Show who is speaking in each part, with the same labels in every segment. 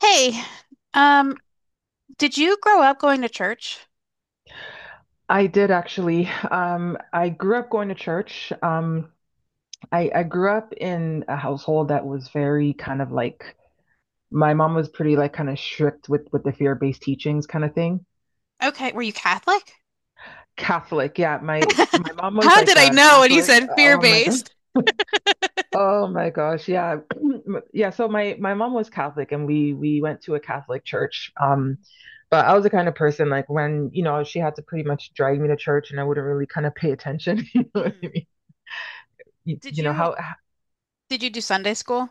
Speaker 1: Hey, um, did you grow up going to church?
Speaker 2: I did actually. I grew up going to church. I grew up in a household that was very kind of like my mom was pretty like kind of strict with the fear-based teachings kind of thing.
Speaker 1: Okay, were you Catholic?
Speaker 2: Catholic, yeah. My mom was
Speaker 1: How did
Speaker 2: like
Speaker 1: I
Speaker 2: a
Speaker 1: know when you
Speaker 2: Catholic.
Speaker 1: said
Speaker 2: Oh my gosh.
Speaker 1: fear-based?
Speaker 2: Oh my gosh, yeah. Yeah, so my mom was Catholic and we went to a Catholic church. But I was the kind of person like when, you know, she had to pretty much drag me to church and I wouldn't really kind of pay attention, you know what I
Speaker 1: Mhm.
Speaker 2: mean? you,
Speaker 1: Did
Speaker 2: you know
Speaker 1: you
Speaker 2: how
Speaker 1: did you do Sunday school?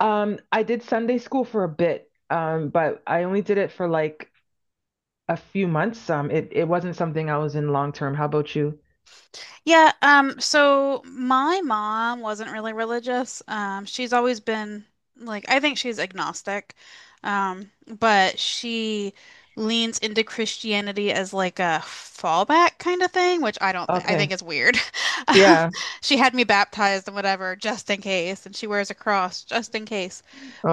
Speaker 2: I did Sunday school for a bit, but I only did it for like a few months. It wasn't something I was in long term. How about you?
Speaker 1: Yeah, so my mom wasn't really religious. She's always been like I think she's agnostic. But she leans into Christianity as like a fallback kind of thing, which I don't think I
Speaker 2: Okay.
Speaker 1: think is weird.
Speaker 2: Yeah.
Speaker 1: She had me baptized and whatever just in case, and she wears a cross just in case.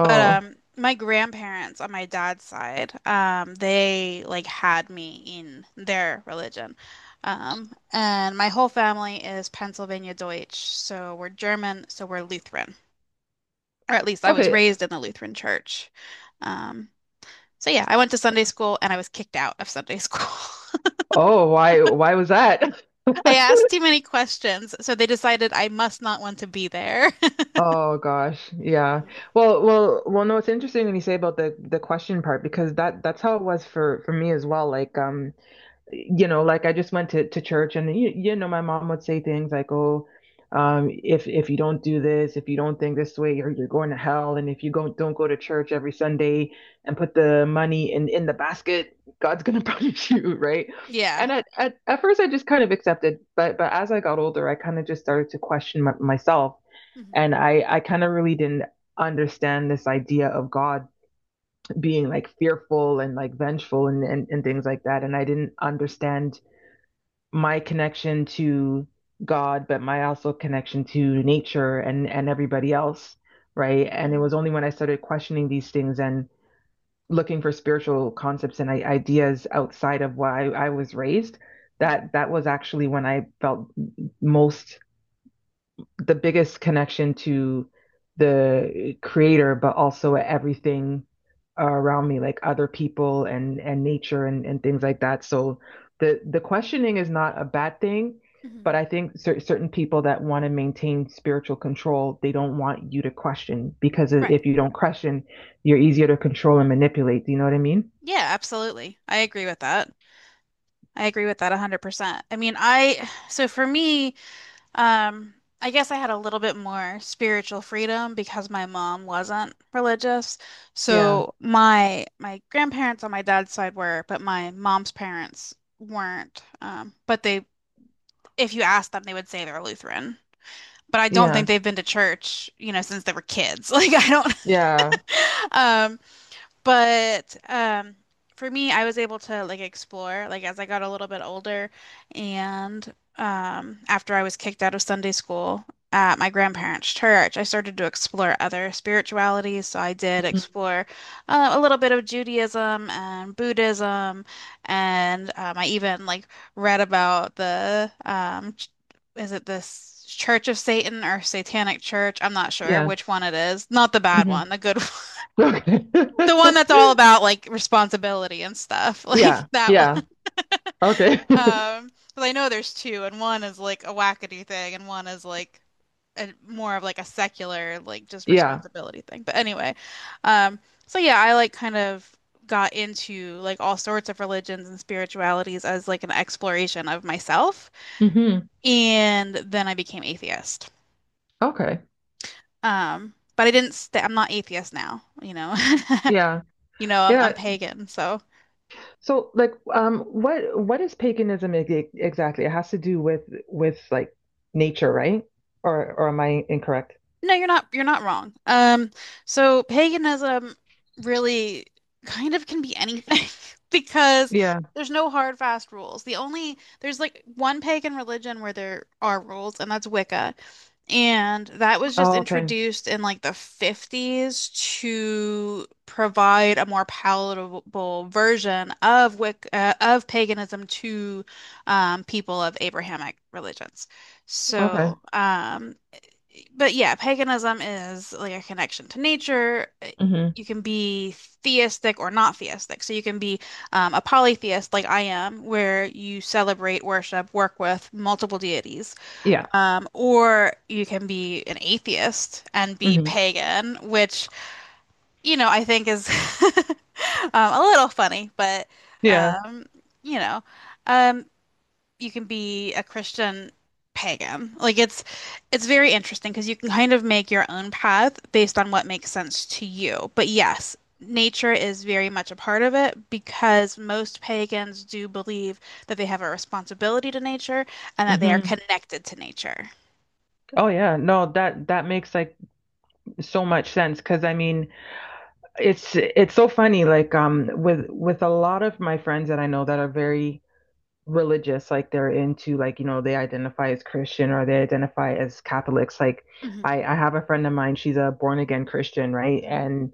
Speaker 1: But um my grandparents on my dad's side, they like had me in their religion. And my whole family is Pennsylvania Deutsch, so we're German, so we're Lutheran. Or at least I was
Speaker 2: Okay.
Speaker 1: raised in the Lutheran church. Um, so I went to Sunday school and I was kicked out of Sunday school.
Speaker 2: Oh, why was that?
Speaker 1: I asked too many questions, so they decided I must not want to be there.
Speaker 2: Oh gosh, yeah. Well, well, well. No, it's interesting when you say about the question part because that's how it was for me as well. Like, you know, like I just went to church and my mom would say things like, "Oh, if you don't do this, if you don't think this way, you're going to hell, and if you go, don't go to church every Sunday and put the money in the basket, God's gonna punish you," right?
Speaker 1: Yeah.
Speaker 2: And at first, I just kind of accepted, but as I got older, I kind of just started to question myself,
Speaker 1: hmm
Speaker 2: and I kind of really didn't understand this idea of God being like fearful and like vengeful and
Speaker 1: hmm
Speaker 2: things like that, and I didn't understand my connection to God, but my also connection to nature and everybody else, right? And it
Speaker 1: hmm
Speaker 2: was only when I started questioning these things and looking for spiritual concepts and ideas outside of why I was raised
Speaker 1: hmm
Speaker 2: that was actually when I felt most the biggest connection to the creator, but also everything around me, like other people and nature and things like that. So the questioning is not a bad thing, but
Speaker 1: hmm
Speaker 2: I think certain people that want to maintain spiritual control, they don't want you to question because
Speaker 1: Right.
Speaker 2: if you don't question, you're easier to control and manipulate. Do you know what I mean?
Speaker 1: Yeah, absolutely. I agree with that. I agree with that 100%. I mean, so for me, um, I guess I had a little bit more spiritual freedom because my mom wasn't religious.
Speaker 2: Yeah,
Speaker 1: So my grandparents on my dad's side were, but my mom's parents weren't. But if you asked them, they would say they're Lutheran. But I don't
Speaker 2: yeah,
Speaker 1: think they've been to church, since they were kids. Like I
Speaker 2: yeah,
Speaker 1: don't. But for me, I was able to like explore like as I got a little bit older, and after I was kicked out of Sunday school at my grandparents' church, I started to explore other spiritualities. So I did
Speaker 2: mhm,
Speaker 1: explore a little bit of Judaism and Buddhism, and I even like read about the is it this Church of Satan or Satanic Church? I'm not sure
Speaker 2: yeah,
Speaker 1: which one it is. Not the bad
Speaker 2: mhm.
Speaker 1: one, the good
Speaker 2: Okay.
Speaker 1: the one that's all about like responsibility and stuff, like
Speaker 2: Yeah,
Speaker 1: that one.
Speaker 2: yeah, okay.
Speaker 1: Because I know there's two, and one is like a wackadoo thing, and one is like a, more of like a secular, like just
Speaker 2: Yeah.
Speaker 1: responsibility thing. But anyway, um, I like kind of got into like all sorts of religions and spiritualities as like an exploration of myself,
Speaker 2: Hmm.
Speaker 1: and then I became atheist.
Speaker 2: Okay.
Speaker 1: But I didn't stay, I'm not atheist now, you know.
Speaker 2: Yeah.
Speaker 1: You know, I'm
Speaker 2: Yeah.
Speaker 1: pagan, so
Speaker 2: So like what is paganism exactly? It has to do with like nature, right? Or am I incorrect?
Speaker 1: No, you're not wrong. So paganism really kind of can be anything because
Speaker 2: Yeah.
Speaker 1: there's no hard fast rules. The only there's like one pagan religion where there are rules, and that's Wicca. And that was just
Speaker 2: Oh, okay.
Speaker 1: introduced in like the 50s to provide a more palatable version of Wicca, of paganism to people of Abrahamic religions.
Speaker 2: Okay.
Speaker 1: So, but yeah, paganism is like a connection to nature.
Speaker 2: Hmm.
Speaker 1: You can be theistic or not theistic. So you can be a polytheist like I am, where you celebrate, worship, work with multiple deities.
Speaker 2: Yeah.
Speaker 1: Or you can be an atheist and be
Speaker 2: Hmm.
Speaker 1: pagan, which, you know, I think is a little funny, but,
Speaker 2: Yeah.
Speaker 1: um, you know. Um, you can be a Christian pagan. Like it's very interesting because you can kind of make your own path based on what makes sense to you. But yes, nature is very much a part of it because most pagans do believe that they have a responsibility to nature and that they are
Speaker 2: Hmm.
Speaker 1: connected to nature.
Speaker 2: Oh yeah. No, that that makes like so much sense because I mean, it's so funny like with a lot of my friends that I know that are very religious, like they're into like, you know, they identify as Christian or they identify as Catholics. Like
Speaker 1: hmm
Speaker 2: I have a friend of mine, she's a born again Christian, right?
Speaker 1: hmm
Speaker 2: And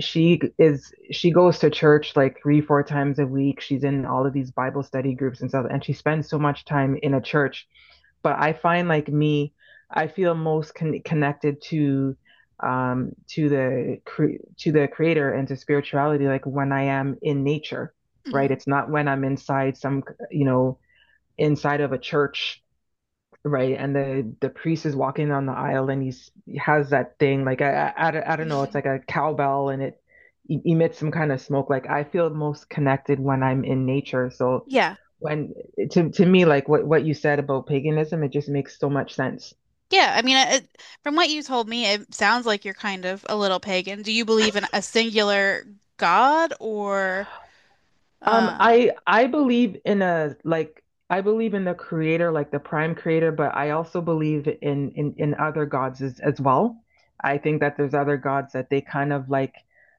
Speaker 2: she is she goes to church like three, four times a week. She's in all of these Bible study groups and stuff, and she spends so much time in a church. But I find like me, I feel most connected to the to the creator and to spirituality like when I am in nature right?
Speaker 1: hmm
Speaker 2: It's not when I'm inside some, you know, inside of a church, right? And the priest is walking down the aisle and he has that thing like I don't- know, it's
Speaker 1: hmm
Speaker 2: like a cowbell and it emits some kind of smoke. Like I feel most connected when I'm in nature. So
Speaker 1: Yeah.
Speaker 2: when to me, like what you said about paganism, it just makes so much sense.
Speaker 1: Yeah, I mean, it, from what you told me, it sounds like you're kind of a little pagan. Do you believe in a singular god or um
Speaker 2: I believe in a like I believe in the creator, like the prime creator, but I also believe in in other gods as well. I think that there's other gods that they kind of like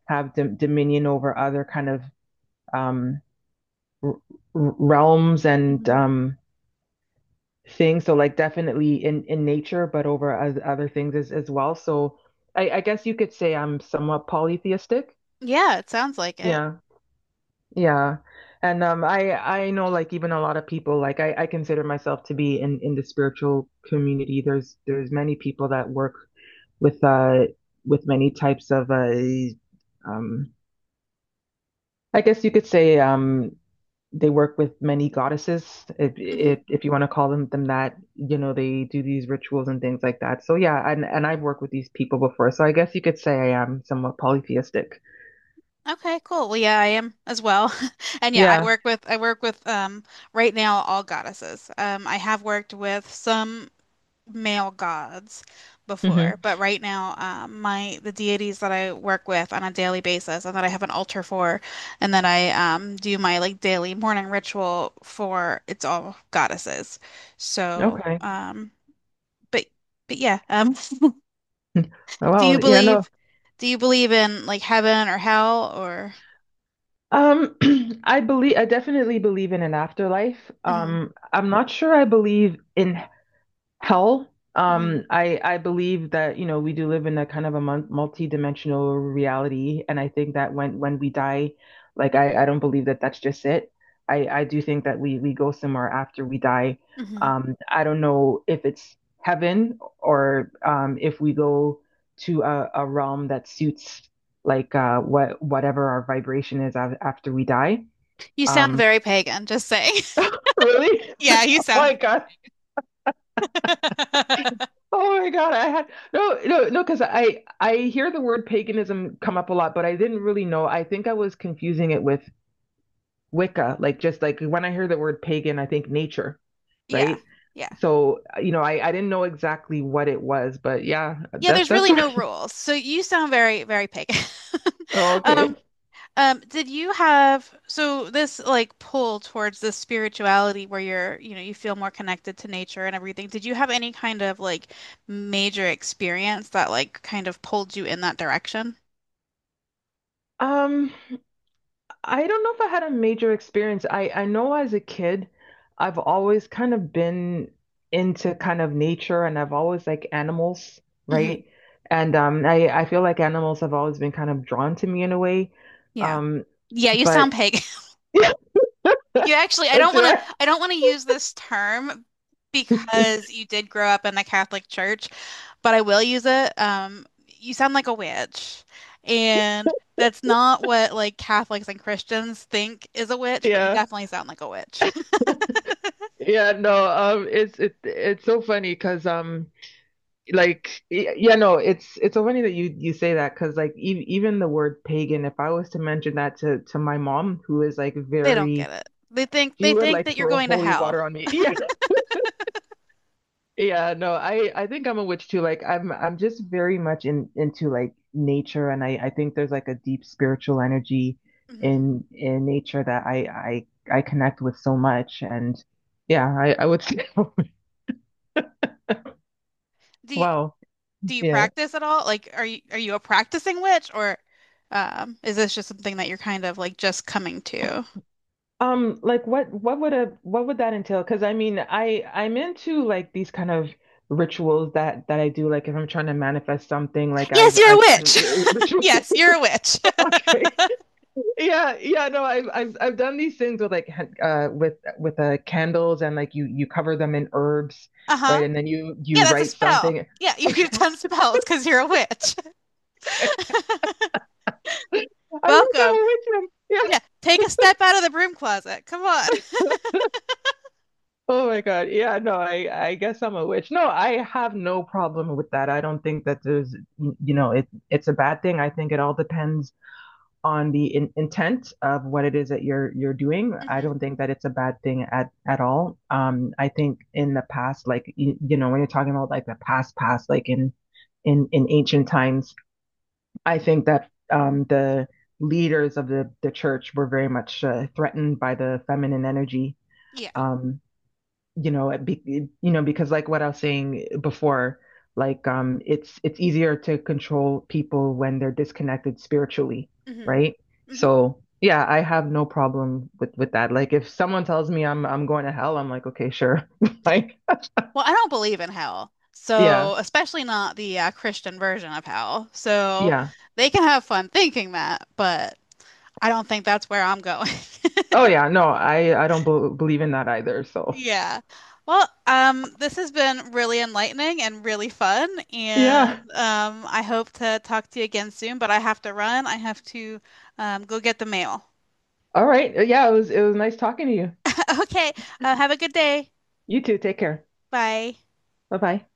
Speaker 2: have dominion over other kind of um r realms and things. So like definitely in nature, but over other things as well. So I guess you could say I'm somewhat polytheistic.
Speaker 1: Yeah, it sounds like it.
Speaker 2: Yeah. Yeah. And I know like even a lot of people like I consider myself to be in the spiritual community. There's many people that work with with many types of um I guess you could say they work with many goddesses if if
Speaker 1: hmm
Speaker 2: if you want to call them that. You know, they do these rituals and things like that. So yeah, and I've worked with these people before. So I guess you could say I am somewhat polytheistic.
Speaker 1: Okay, cool. Well, yeah, I am as well. And yeah, I
Speaker 2: Yeah.
Speaker 1: work with I work with um right now all goddesses. I have worked with some male gods
Speaker 2: Hmm.
Speaker 1: before, but right now my the deities that I work with on a daily basis and that I have an altar for and that I do my like daily morning ritual for it's all goddesses. So,
Speaker 2: Okay.
Speaker 1: but but yeah, Do
Speaker 2: Well,
Speaker 1: you
Speaker 2: yeah, no.
Speaker 1: believe do you believe in like heaven or hell or
Speaker 2: Um, I believe I definitely believe in an afterlife.
Speaker 1: Mhm,
Speaker 2: I'm not sure I believe in hell.
Speaker 1: mhm,
Speaker 2: I believe that, you know, we do live in a kind of a multi-dimensional reality, and I think that when we die, like I don't believe that that's just it. I do think that we go somewhere after we die.
Speaker 1: mhm.
Speaker 2: I don't know if it's heaven or if we go to a realm that suits like whatever our vibration is after we die.
Speaker 1: You sound
Speaker 2: Um,
Speaker 1: very pagan, just saying.
Speaker 2: really?
Speaker 1: Yeah, you sound
Speaker 2: Like I Oh my God, I had no, no, no, because I hear the word paganism come up a lot, but I didn't really know. I think I was confusing it with Wicca, like just like when I hear the word pagan, I think nature,
Speaker 1: yeah,
Speaker 2: right?
Speaker 1: yeah.
Speaker 2: So, you know, I didn't know exactly what it was, but yeah,
Speaker 1: Yeah,
Speaker 2: that
Speaker 1: there's
Speaker 2: that's
Speaker 1: really no
Speaker 2: what.
Speaker 1: rules. So you sound very, very pagan.
Speaker 2: Oh, okay.
Speaker 1: Um, did you have so this like pull towards this spirituality where you're, you know, you feel more connected to nature and everything. Did you have any kind of like major experience that like kind of pulled you in that direction?
Speaker 2: Um, I don't know if I had a major experience. I know as a kid, I've always kind of been into kind of nature and I've always like animals,
Speaker 1: hmm
Speaker 2: right? And I feel like animals have always been kind of drawn to me in a way.
Speaker 1: Yeah.
Speaker 2: Um,
Speaker 1: Yeah, you sound
Speaker 2: but
Speaker 1: pagan.
Speaker 2: yeah,
Speaker 1: You actually, I don't
Speaker 2: do
Speaker 1: want to,
Speaker 2: I?
Speaker 1: I don't want to use this term because you did grow up in the Catholic Church, but I will use it. You sound like a witch, and that's not what like Catholics and Christians think is a witch, but you
Speaker 2: Yeah.
Speaker 1: definitely sound like a witch.
Speaker 2: Yeah, no, it's it's so funny because like yeah, no, it's so funny that you say that because like e even the word pagan, if I was to mention that to my mom, who is like
Speaker 1: They don't
Speaker 2: very
Speaker 1: get it. They think
Speaker 2: she
Speaker 1: they
Speaker 2: would
Speaker 1: think
Speaker 2: like
Speaker 1: that you're
Speaker 2: throw
Speaker 1: going to
Speaker 2: holy
Speaker 1: hell.
Speaker 2: water on me. Yeah. Yeah, no, I think I'm a witch too. Like I'm just very much in into like nature and I think there's like a deep spiritual energy
Speaker 1: hmm
Speaker 2: in nature that I connect with so much and yeah, I would say
Speaker 1: Do you,
Speaker 2: wow.
Speaker 1: do you
Speaker 2: Yeah.
Speaker 1: practice at all? Like, are you a practicing witch, or is this just something that you're kind of like just coming to?
Speaker 2: Like what would a what would that entail? Because I mean, I'm into like these kind of rituals that I do like if I'm trying to manifest something like
Speaker 1: Yes,
Speaker 2: I've
Speaker 1: you're a
Speaker 2: I've done
Speaker 1: witch.
Speaker 2: ritual.
Speaker 1: Yes, you're a witch.
Speaker 2: Okay. Yeah, yeah, no I've done these things with like with with candles and like you cover them in herbs right
Speaker 1: Uh-huh.
Speaker 2: and then you
Speaker 1: Yeah, that's a
Speaker 2: write
Speaker 1: spell.
Speaker 2: something
Speaker 1: Yeah,
Speaker 2: okay
Speaker 1: you've done spells because you're a witch.
Speaker 2: I guess I'm
Speaker 1: Welcome.
Speaker 2: a witch then. Yeah,
Speaker 1: Yeah, take a step out of the broom closet. Come on.
Speaker 2: oh my God yeah, no I guess I'm a witch no I have no problem with that I don't think that there's you know it's a bad thing I think it all depends on the intent of what it is that you're doing. I
Speaker 1: hmm
Speaker 2: don't think that it's a bad thing at all. I think in the past, like you know, when you're talking about like the past past, like in in ancient times, I think that the leaders of the church were very much threatened by the feminine energy.
Speaker 1: Yeah.
Speaker 2: Um, you know, it be, you know, because like what I was saying before, like it's easier to control people when they're disconnected spiritually,
Speaker 1: hmm
Speaker 2: right?
Speaker 1: hmm
Speaker 2: So yeah, I have no problem with that. Like if someone tells me I'm going to hell, I'm like, okay, sure. Like
Speaker 1: Well, I don't believe in hell,
Speaker 2: yeah,
Speaker 1: so especially not the Christian version of hell. So
Speaker 2: yeah.
Speaker 1: they can have fun thinking that, but I don't think that's where I'm going.
Speaker 2: Oh yeah, no, I don't believe in that either. So
Speaker 1: Yeah. Well, this has been really enlightening and really fun, and
Speaker 2: yeah,
Speaker 1: I hope to talk to you again soon, but I have to run. I have to go get the mail.
Speaker 2: all right. Yeah, it was nice talking to you.
Speaker 1: Okay, have a good day.
Speaker 2: You too. Take care.
Speaker 1: Bye.
Speaker 2: Bye bye.